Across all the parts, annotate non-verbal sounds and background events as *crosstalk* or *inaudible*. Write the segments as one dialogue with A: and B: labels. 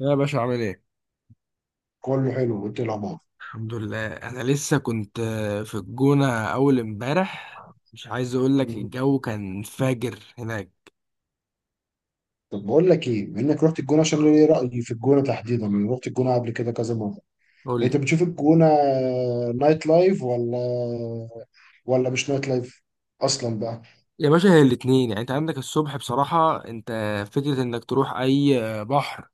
A: يا باشا عامل ايه؟
B: كله حلو وانت إيه الاخبار؟
A: الحمد لله انا لسه كنت في الجونة اول امبارح. مش عايز اقول لك
B: مهم.
A: الجو كان فاجر هناك.
B: طب بقول لك ايه، بما انك رحت الجونه. عشان ليه رايي في الجونه تحديدا، انا رحت الجونه قبل كده كذا مره.
A: قول
B: انت
A: لي.
B: بتشوف الجونه نايت لايف ولا مش نايت لايف اصلا بقى؟
A: يا باشا هي الاتنين يعني انت عندك الصبح بصراحة. انت فكرة انك تروح اي بحر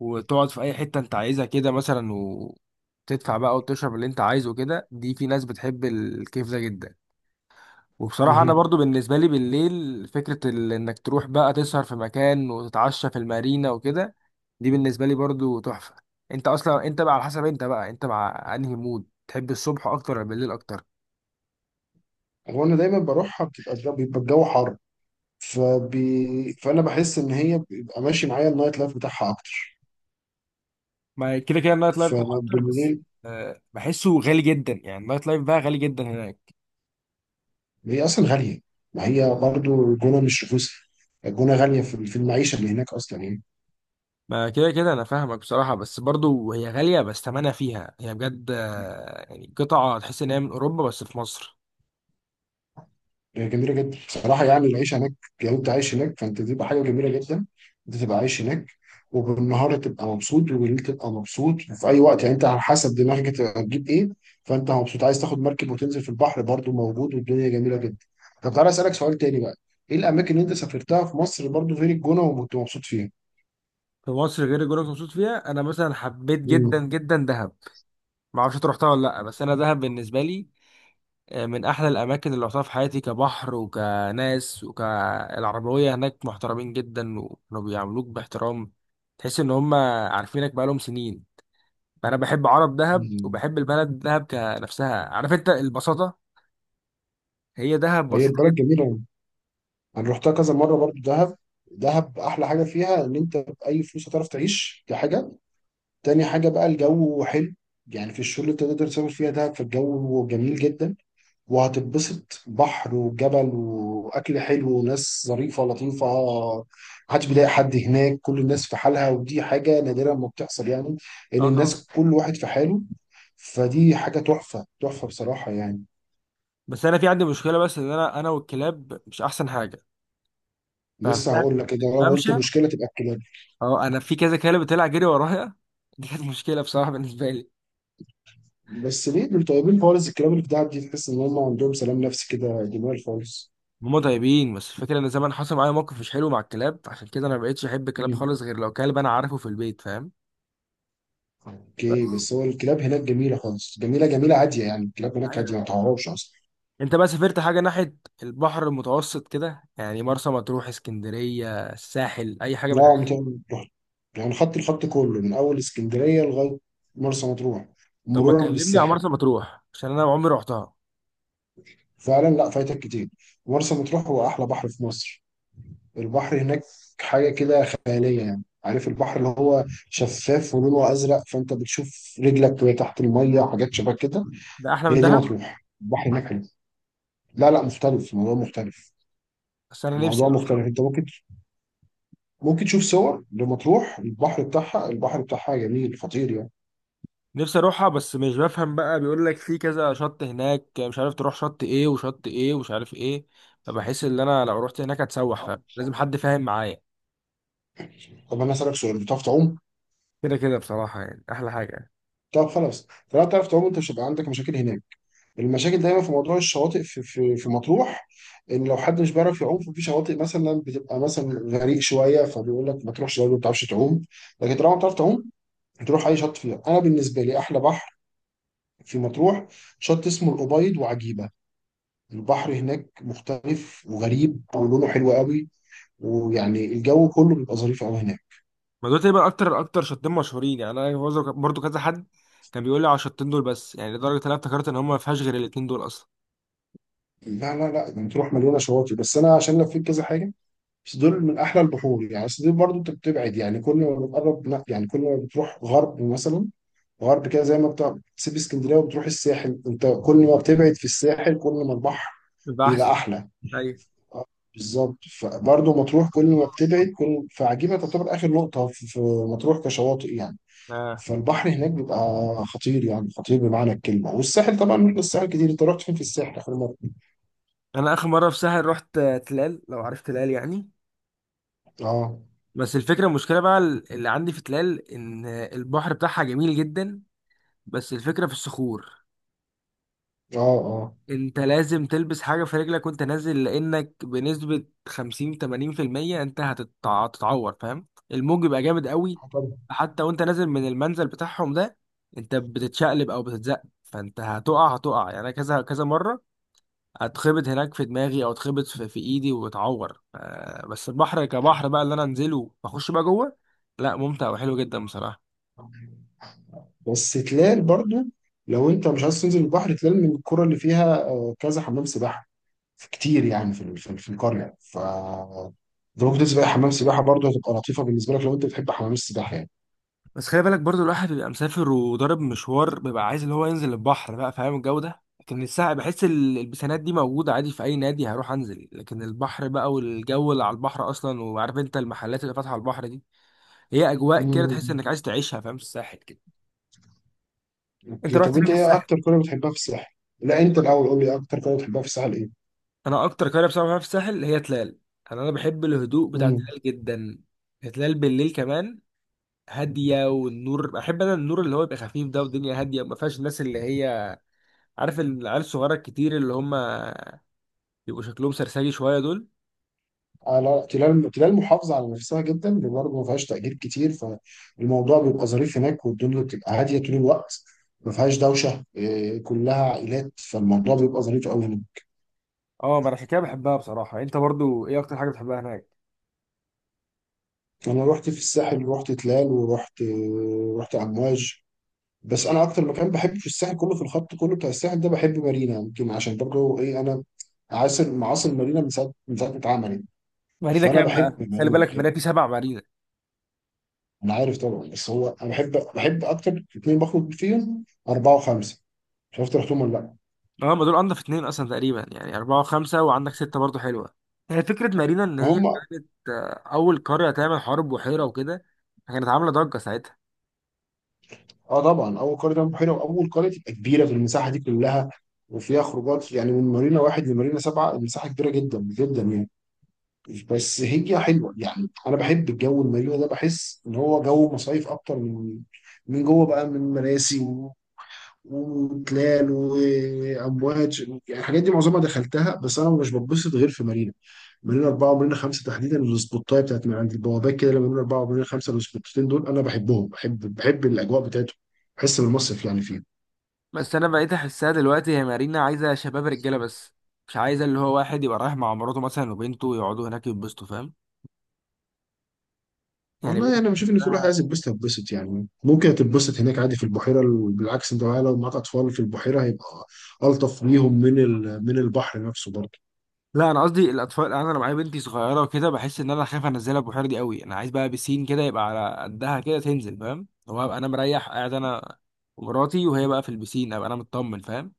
A: وتقعد في اي حتة انت عايزها كده مثلا وتدفع بقى وتشرب اللي انت عايزه كده، دي في ناس بتحب الكيف ده جدا. وبصراحة أنا
B: مهم.
A: برضو بالنسبة لي بالليل فكرة إنك تروح بقى تسهر في مكان وتتعشى في المارينا وكده، دي بالنسبه لي برضو تحفه. انت اصلا انت بقى على حسب، انت بقى انت مع انهي مود تحب، الصبح اكتر ولا بالليل اكتر؟
B: هو انا دايما بروحها بتبقى بيبقى الجو حر، فانا بحس ان هي بيبقى ماشي معايا النايت لايف بتاعها اكتر،
A: ما كده كده النايت لايف بتاعها اكتر، بس
B: فبالليل.
A: بحسه غالي جدا، يعني النايت لايف بقى غالي جدا هناك.
B: هي اصلا غاليه، ما هي برضو الجونه مش رخيصه. الجونه غاليه في المعيشه اللي هناك اصلا يعني.
A: ما كده كده انا فاهمك بصراحه، بس برضو هي غاليه بس ثمنها فيها، هي بجد يعني قطعه تحس ان هي من اوروبا بس في مصر.
B: هي جميله جدا بصراحه، يعني العيش هناك لو انت عايش هناك فانت تبقى حاجه جميله جدا. انت تبقى عايش هناك، وبالنهار تبقى مبسوط وبالليل تبقى مبسوط، وفي اي وقت يعني انت على حسب دماغك انت هتجيب ايه. فانت مبسوط عايز تاخد مركب وتنزل في البحر برضو موجود، والدنيا جميله جدا. طب تعالى اسالك سؤال تاني بقى، ايه الاماكن اللي انت سافرتها في مصر برضو غير الجونه وكنت مبسوط فيها؟
A: في مصر غير الجونه اللي مبسوط فيها، انا مثلا حبيت جدا
B: مم.
A: جدا دهب. ما اعرفش انت رحتها ولا لا، بس انا دهب بالنسبه لي من احلى الاماكن اللي رحتها في حياتي. كبحر وكناس وكالعربويه هناك محترمين جدا، وكانوا بيعاملوك باحترام. تحس ان هم عارفينك بقالهم سنين. فانا بحب عرب دهب
B: مم.
A: وبحب البلد دهب كنفسها، عارف انت البساطه، هي دهب
B: هي
A: بسيطه
B: البلد
A: جدا.
B: جميله، انا رحتها كذا مره برضو دهب. دهب احلى حاجه فيها ان انت باي فلوس هتعرف تعيش، دي حاجه. تاني حاجة بقى الجو حلو، يعني في الشغل اللي انت تقدر تسافر فيها ده، فالجو جميل جدا. وهتتبسط، بحر وجبل وأكل حلو وناس ظريفة لطيفة. محدش بيضايق حد هناك، كل الناس في حالها، ودي حاجة نادرة ما بتحصل يعني، إن
A: اه طبعاً.
B: الناس كل واحد في حاله. فدي حاجة تحفة تحفة بصراحة يعني.
A: بس انا في عندي مشكله، بس ان انا والكلاب مش احسن حاجه. ففي
B: لسه
A: دهب
B: هقول لك كده، لو
A: الممشى،
B: قلت مشكلة تبقى الكلاب.
A: اه انا في كذا كلب طلع جري ورايا *laughs* دي كانت مشكله بصراحه بالنسبه لي.
B: بس ليه دول طيبين خالص، الكلاب اللي في دهب دي تحس إن هم عندهم سلام نفسي كده جميل خالص.
A: هما طيبين، بس الفكرة ان زمان حصل معايا موقف مش حلو مع الكلاب، عشان كده انا ما بقتش احب الكلاب خالص، غير لو كلب انا عارفه في البيت، فاهم.
B: اوكي،
A: بس
B: بس هو الكلاب هناك جميله خالص، جميله جميله عاديه يعني، الكلاب هناك
A: ايوه،
B: عاديه ما تعرفش اصلا.
A: انت بقى سافرت حاجة ناحية البحر المتوسط كده، يعني مرسى مطروح، اسكندرية، الساحل، اي حاجة من
B: لا
A: الحاجات
B: مت-
A: دي؟
B: رحت، يعني خدت الخط كله من اول اسكندريه لغايه مرسى مطروح،
A: طب ما
B: مرورا
A: تكلمني عن
B: بالساحل.
A: مرسى مطروح عشان انا عمري رحتها.
B: فعلا لا، فايتك كتير. مرسى مطروح هو احلى بحر في مصر. البحر هناك حاجه كده خياليه، يعني عارف البحر اللي هو شفاف ولونه ازرق، فانت بتشوف رجلك وهي تحت الميه وحاجات شبه كده.
A: ده احلى من
B: هي دي
A: دهب؟
B: مطروح، البحر هناك حلو. لا لا، مختلف، الموضوع مختلف.
A: بس انا نفسي
B: الموضوع
A: اروح.
B: مختلف، انت ممكن تشوف صور لمطروح، البحر بتاعها، البحر بتاعها جميل خطير يعني.
A: نفسي اروحها، بس مش بفهم بقى، بيقول لك في كذا شط هناك، مش عارف تروح شط ايه وشط ايه ومش عارف ايه. فبحس ان انا لو رحت هناك هتسوح، فاهم، لازم حد فاهم معايا.
B: طب انا اسالك سؤال، بتعرف تعوم؟
A: كده كده بصراحة، يعني أحلى حاجة يعني.
B: طب خلاص، طالما بتعرف تعوم انت مش هيبقى عندك مشاكل هناك. المشاكل دايما في موضوع الشواطئ في مطروح، ان لو حد مش بيعرف يعوم ففي شواطئ مثلا بتبقى مثلا غريق شويه، فبيقول لك ما تروحش لو ما بتعرفش تعوم. لكن طالما بتعرف تعوم هتروح اي شط فيها. انا بالنسبه لي احلى بحر في مطروح شط اسمه الأبيض وعجيبه. البحر هناك مختلف وغريب ولونه حلو قوي، ويعني الجو كله بيبقى ظريف قوي هناك.
A: ما دول تقريبا اكتر اكتر شطين مشهورين، يعني انا برضه كذا حد كان بيقول لي على الشطين دول بس، يعني لدرجه ان انا افتكرت ان هم ما فيهاش غير الاتنين دول اصلا.
B: لا لا لا، يعني تروح مليانه شواطئ، بس انا عشان لفيت كذا حاجه بس، دول من احلى البحور يعني. بس دي برضه انت بتبعد، يعني كل ما بتقرب لا، يعني كل ما بتروح غرب مثلا، غرب كده زي ما بتاع بتسيب اسكندريه وبتروح الساحل، انت كل ما بتبعد في الساحل كل ما البحر
A: يبقى أحسن.
B: بيبقى احلى.
A: أيوة.
B: بالظبط، فبرضه مطروح كل ما بتبعد كل، فعجيبه تعتبر اخر نقطه في مطروح كشواطئ يعني.
A: آه.
B: فالبحر هناك بيبقى خطير، يعني خطير بمعنى الكلمة. والساحل طبعا رحنا الساحل كتير، انت رحت فين في الساحل آخر مرة؟
A: انا اخر مره في سهل رحت تلال، لو عرفت تلال يعني.
B: اه
A: بس الفكره المشكله بقى اللي عندي في تلال، ان البحر بتاعها جميل جدا، بس الفكره في الصخور.
B: اه اه.
A: انت لازم تلبس حاجة في رجلك وانت نازل، لانك بنسبة 50 80% انت هتتعور، فاهم. الموج بيبقى جامد قوي.
B: آه طبعا.
A: حتى وانت نازل من المنزل بتاعهم ده، انت بتتشقلب او بتتزق، فانت هتقع يعني. انا كذا كذا مرة اتخبط هناك في دماغي، او اتخبط في ايدي واتعور بس البحر كبحر بقى اللي انا انزله واخش بقى جوه، لا ممتع وحلو جدا بصراحة.
B: بس تلال برضو، لو انت مش عايز تنزل البحر، تلال من القرى اللي فيها كذا حمام سباحة كتير يعني، في في القرية، ف انت ممكن تنزل بقى حمام سباحة، برضو هتبقى لطيفة بالنسبة لك لو انت بتحب حمام السباحة يعني.
A: بس خلي بالك برضو، الواحد بيبقى مسافر وضارب مشوار، بيبقى عايز اللي هو ينزل البحر بقى فاهم، الجو ده. لكن الساعة بحس البسانات دي موجودة عادي في أي نادي هروح أنزل. لكن البحر بقى، والجو اللي على البحر أصلا، وعارف أنت المحلات اللي فاتحة على البحر دي، هي أجواء كده تحس
B: امم
A: إنك عايز تعيشها فاهم، في الساحل كده. أنت
B: اوكي،
A: رحت
B: طب
A: فين
B: انت
A: في
B: ايه
A: الساحل؟
B: اكتر قرية بتحبها في الساحل؟ لا، انت الاول قول لي اكتر قرية بتحبها في الساحل.
A: أنا أكتر قرية بصراحة بحبها في الساحل هي تلال. أنا بحب الهدوء بتاع
B: ايه؟
A: تلال جدا. تلال بالليل كمان هادية، والنور بحب أنا النور اللي هو يبقى خفيف ده، والدنيا هادية، ما فيهاش الناس اللي هي، عارف العيال الصغيرة الكتير اللي هم بيبقوا شكلهم سرسجي شوية دول.
B: على تلاقي المحافظه على نفسها جدا، اللي برضه ما فيهاش تأجير كتير، فالموضوع بيبقى ظريف هناك والدنيا بتبقى هاديه طول الوقت. ما فيهاش دوشه إيه، كلها عائلات، فالموضوع بيبقى ظريف قوي هناك.
A: اه ما انا عشان كده بحبها بصراحه. انت برضو ايه اكتر حاجه بتحبها هناك؟
B: انا رحت في الساحل، رحت تلال، ورحت امواج. بس انا اكتر مكان بحب في الساحل كله، في الخط كله بتاع الساحل ده، بحب مارينا، يمكن عشان برضه ايه، انا عاصر معاصر مارينا من ساعه ما اتعملت.
A: مارينا
B: فانا
A: كام بقى،
B: بحب
A: خلي
B: مارينا
A: بالك،
B: بحب.
A: مارينا في سبع مارينا.
B: انا عارف طبعا، بس هو انا بحب اكتر اتنين بخرج فيهم، 4 و5، مش عارف رحتهم ولا لا.
A: اه ما دول انضف اتنين اصلا تقريبا، يعني اربعة وخمسة، وعندك ستة برضو حلوة. هي فكرة مارينا ان هي
B: وهم
A: كانت اول قرية تعمل حرب بحيرة وكده، كانت عاملة ضجة ساعتها.
B: اه طبعا، اول قريه تعمل بحيره واول قريه تبقى كبيره في المساحه دي كلها، وفيها خروجات يعني، من مارينا 1 لمارينا سبعه، المساحه كبيره جدا جدا يعني. بس هي حلوه يعني، انا بحب الجو المارينا ده، بحس ان هو جو مصايف اكتر من جوه بقى، من مراسي وتلال وامواج. يعني الحاجات دي معظمها دخلتها، بس انا مش بتبسط غير في مارينا، مننا 4 ومننا 5 تحديدا. السبوتايه بتاعت من عند البوابات كده، لما مننا 4 ومننا 5 السبوتتين دول انا بحبهم، بحب الاجواء بتاعتهم، بحس بالمصيف يعني فيهم.
A: بس انا بقيت احسها دلوقتي هي مارينا عايزة شباب رجالة بس، مش عايزة اللي هو واحد يبقى رايح مع مراته مثلا وبنته يقعدوا هناك يتبسطوا، فاهم. يعني بقيت
B: والله انا بشوف ان في واحد
A: أحسها.
B: عايز يتبسط يتبسط، يعني ممكن تتبسط هناك عادي في البحيره. بالعكس، انت بقى لو معاك اطفال في البحيره هيبقى الطف ليهم من البحر نفسه برضه.
A: لا انا قصدي الاطفال، يعني انا لو معايا بنتي صغيره وكده، بحس ان انا خايف انزلها البحيره دي قوي. انا عايز بقى بسين كده يبقى على قدها كده تنزل، فاهم، هو ابقى انا مريح قاعد انا ومراتي، وهي بقى في البسين ابقى انا مطمن، فاهم.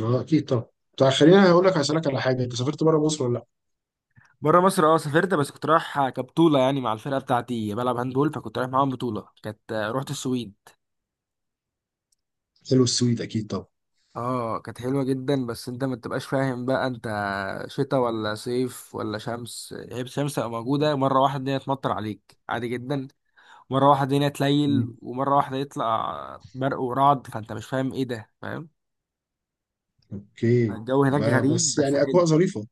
B: اه اكيد طبعا. طب خليني هقول لك، هسالك على حاجه، انت سافرت بره مصر ولا لا؟
A: بره مصر اه سافرت، بس كنت رايح كبطوله يعني مع الفرقه بتاعتي بلعب هاندبول، فكنت رايح معاهم بطوله، كانت رحت السويد.
B: حلو، السويد اكيد طبعا.
A: اه كانت حلوه جدا، بس انت ما تبقاش فاهم بقى انت شتاء ولا صيف ولا شمس. هي الشمس تبقى موجوده، مره واحده الدنيا تمطر عليك عادي جدا، مرة واحدة الدنيا تليل،
B: مم.
A: ومرة واحدة يطلع برق ورعد، فانت مش فاهم ايه ده، فاهم.
B: اوكي.
A: الجو هناك غريب
B: بس
A: بس
B: يعني
A: حلو.
B: اجواء ظريفه،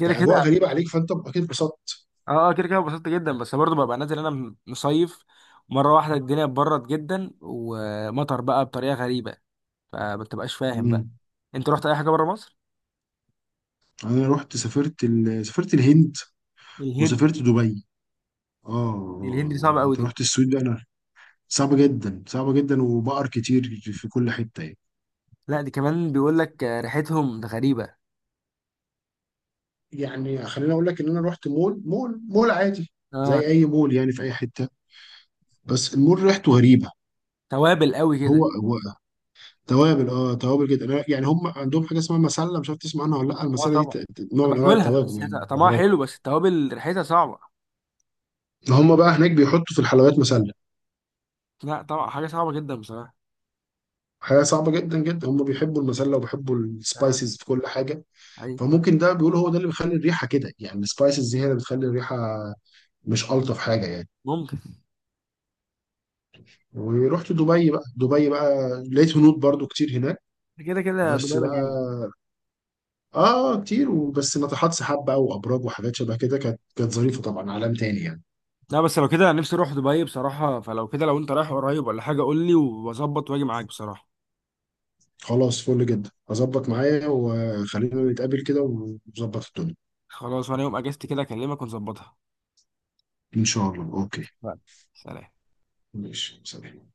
A: كده
B: يعني
A: كده.
B: اجواء غريبه عليك، فانت اكيد اتبسطت.
A: اه اه كده كده اتبسطت جدا، بس برضه ببقى نازل انا مصيف. مرة واحدة الدنيا اتبرد جدا ومطر بقى بطريقة غريبة، فما بتبقاش فاهم بقى. انت رحت اي حاجة بره مصر؟
B: انا رحت، سافرت سافرت الهند
A: الهند.
B: وسافرت دبي. اه
A: الهند دي
B: آه.
A: صعبة قوي
B: انت
A: دي.
B: رحت السويد بقى، انا صعبة جدا، صعبة جدا، وبقر كتير في كل حتة يعني.
A: لا دي كمان بيقول لك ريحتهم ده غريبة.
B: يعني خليني اقول لك ان انا رحت مول مول مول عادي،
A: اه.
B: زي اي مول يعني في اي حتة، بس المول ريحته غريبة.
A: توابل قوي
B: هو
A: كده.
B: هو، توابل، اه توابل جدا. يعني هم عندهم حاجة اسمها مسلة، مش عارف تسمع عنها ولا لا.
A: اه
B: المسلة دي
A: طبعا
B: نوع من انواع
A: باكلها،
B: التوابل
A: بس هي
B: يعني،
A: طعمها
B: بهارات.
A: حلو، بس التوابل ريحتها صعبة.
B: هم بقى هناك بيحطوا في الحلويات مسلة،
A: لا طبعا حاجة صعبة جدا بصراحة.
B: حاجة صعبة جدا جدا. هم بيحبوا المسلة وبيحبوا
A: آه.
B: السبايسز في كل حاجة،
A: أي.
B: فممكن ده بيقول، هو ده اللي بيخلي الريحه كده يعني، السبايسز دي هي اللي بتخلي الريحه مش الطف حاجه يعني.
A: ممكن.
B: ورحت دبي بقى، دبي بقى لقيت هنود برضو كتير هناك.
A: *laughs* كده كده
B: بس
A: دبي مليانة.
B: بقى اه آه، كتير، وبس ناطحات سحاب بقى وابراج وحاجات شبه كده، كانت ظريفه طبعا، عالم تاني يعني.
A: لا بس لو كده نفسي أروح دبي بصراحة، فلو كده لو أنت رايح قريب ولا حاجة قول لي، وأظبط وأجي معاك بصراحة.
B: خلاص، فل جدا، اظبط معايا وخلينا نتقابل كده ونظبط الدنيا.
A: خلاص وأنا يوم أجازتي كده أكلمك ونظبطها.
B: ان شاء الله، اوكي.
A: لا، سلام
B: ماشي سلام.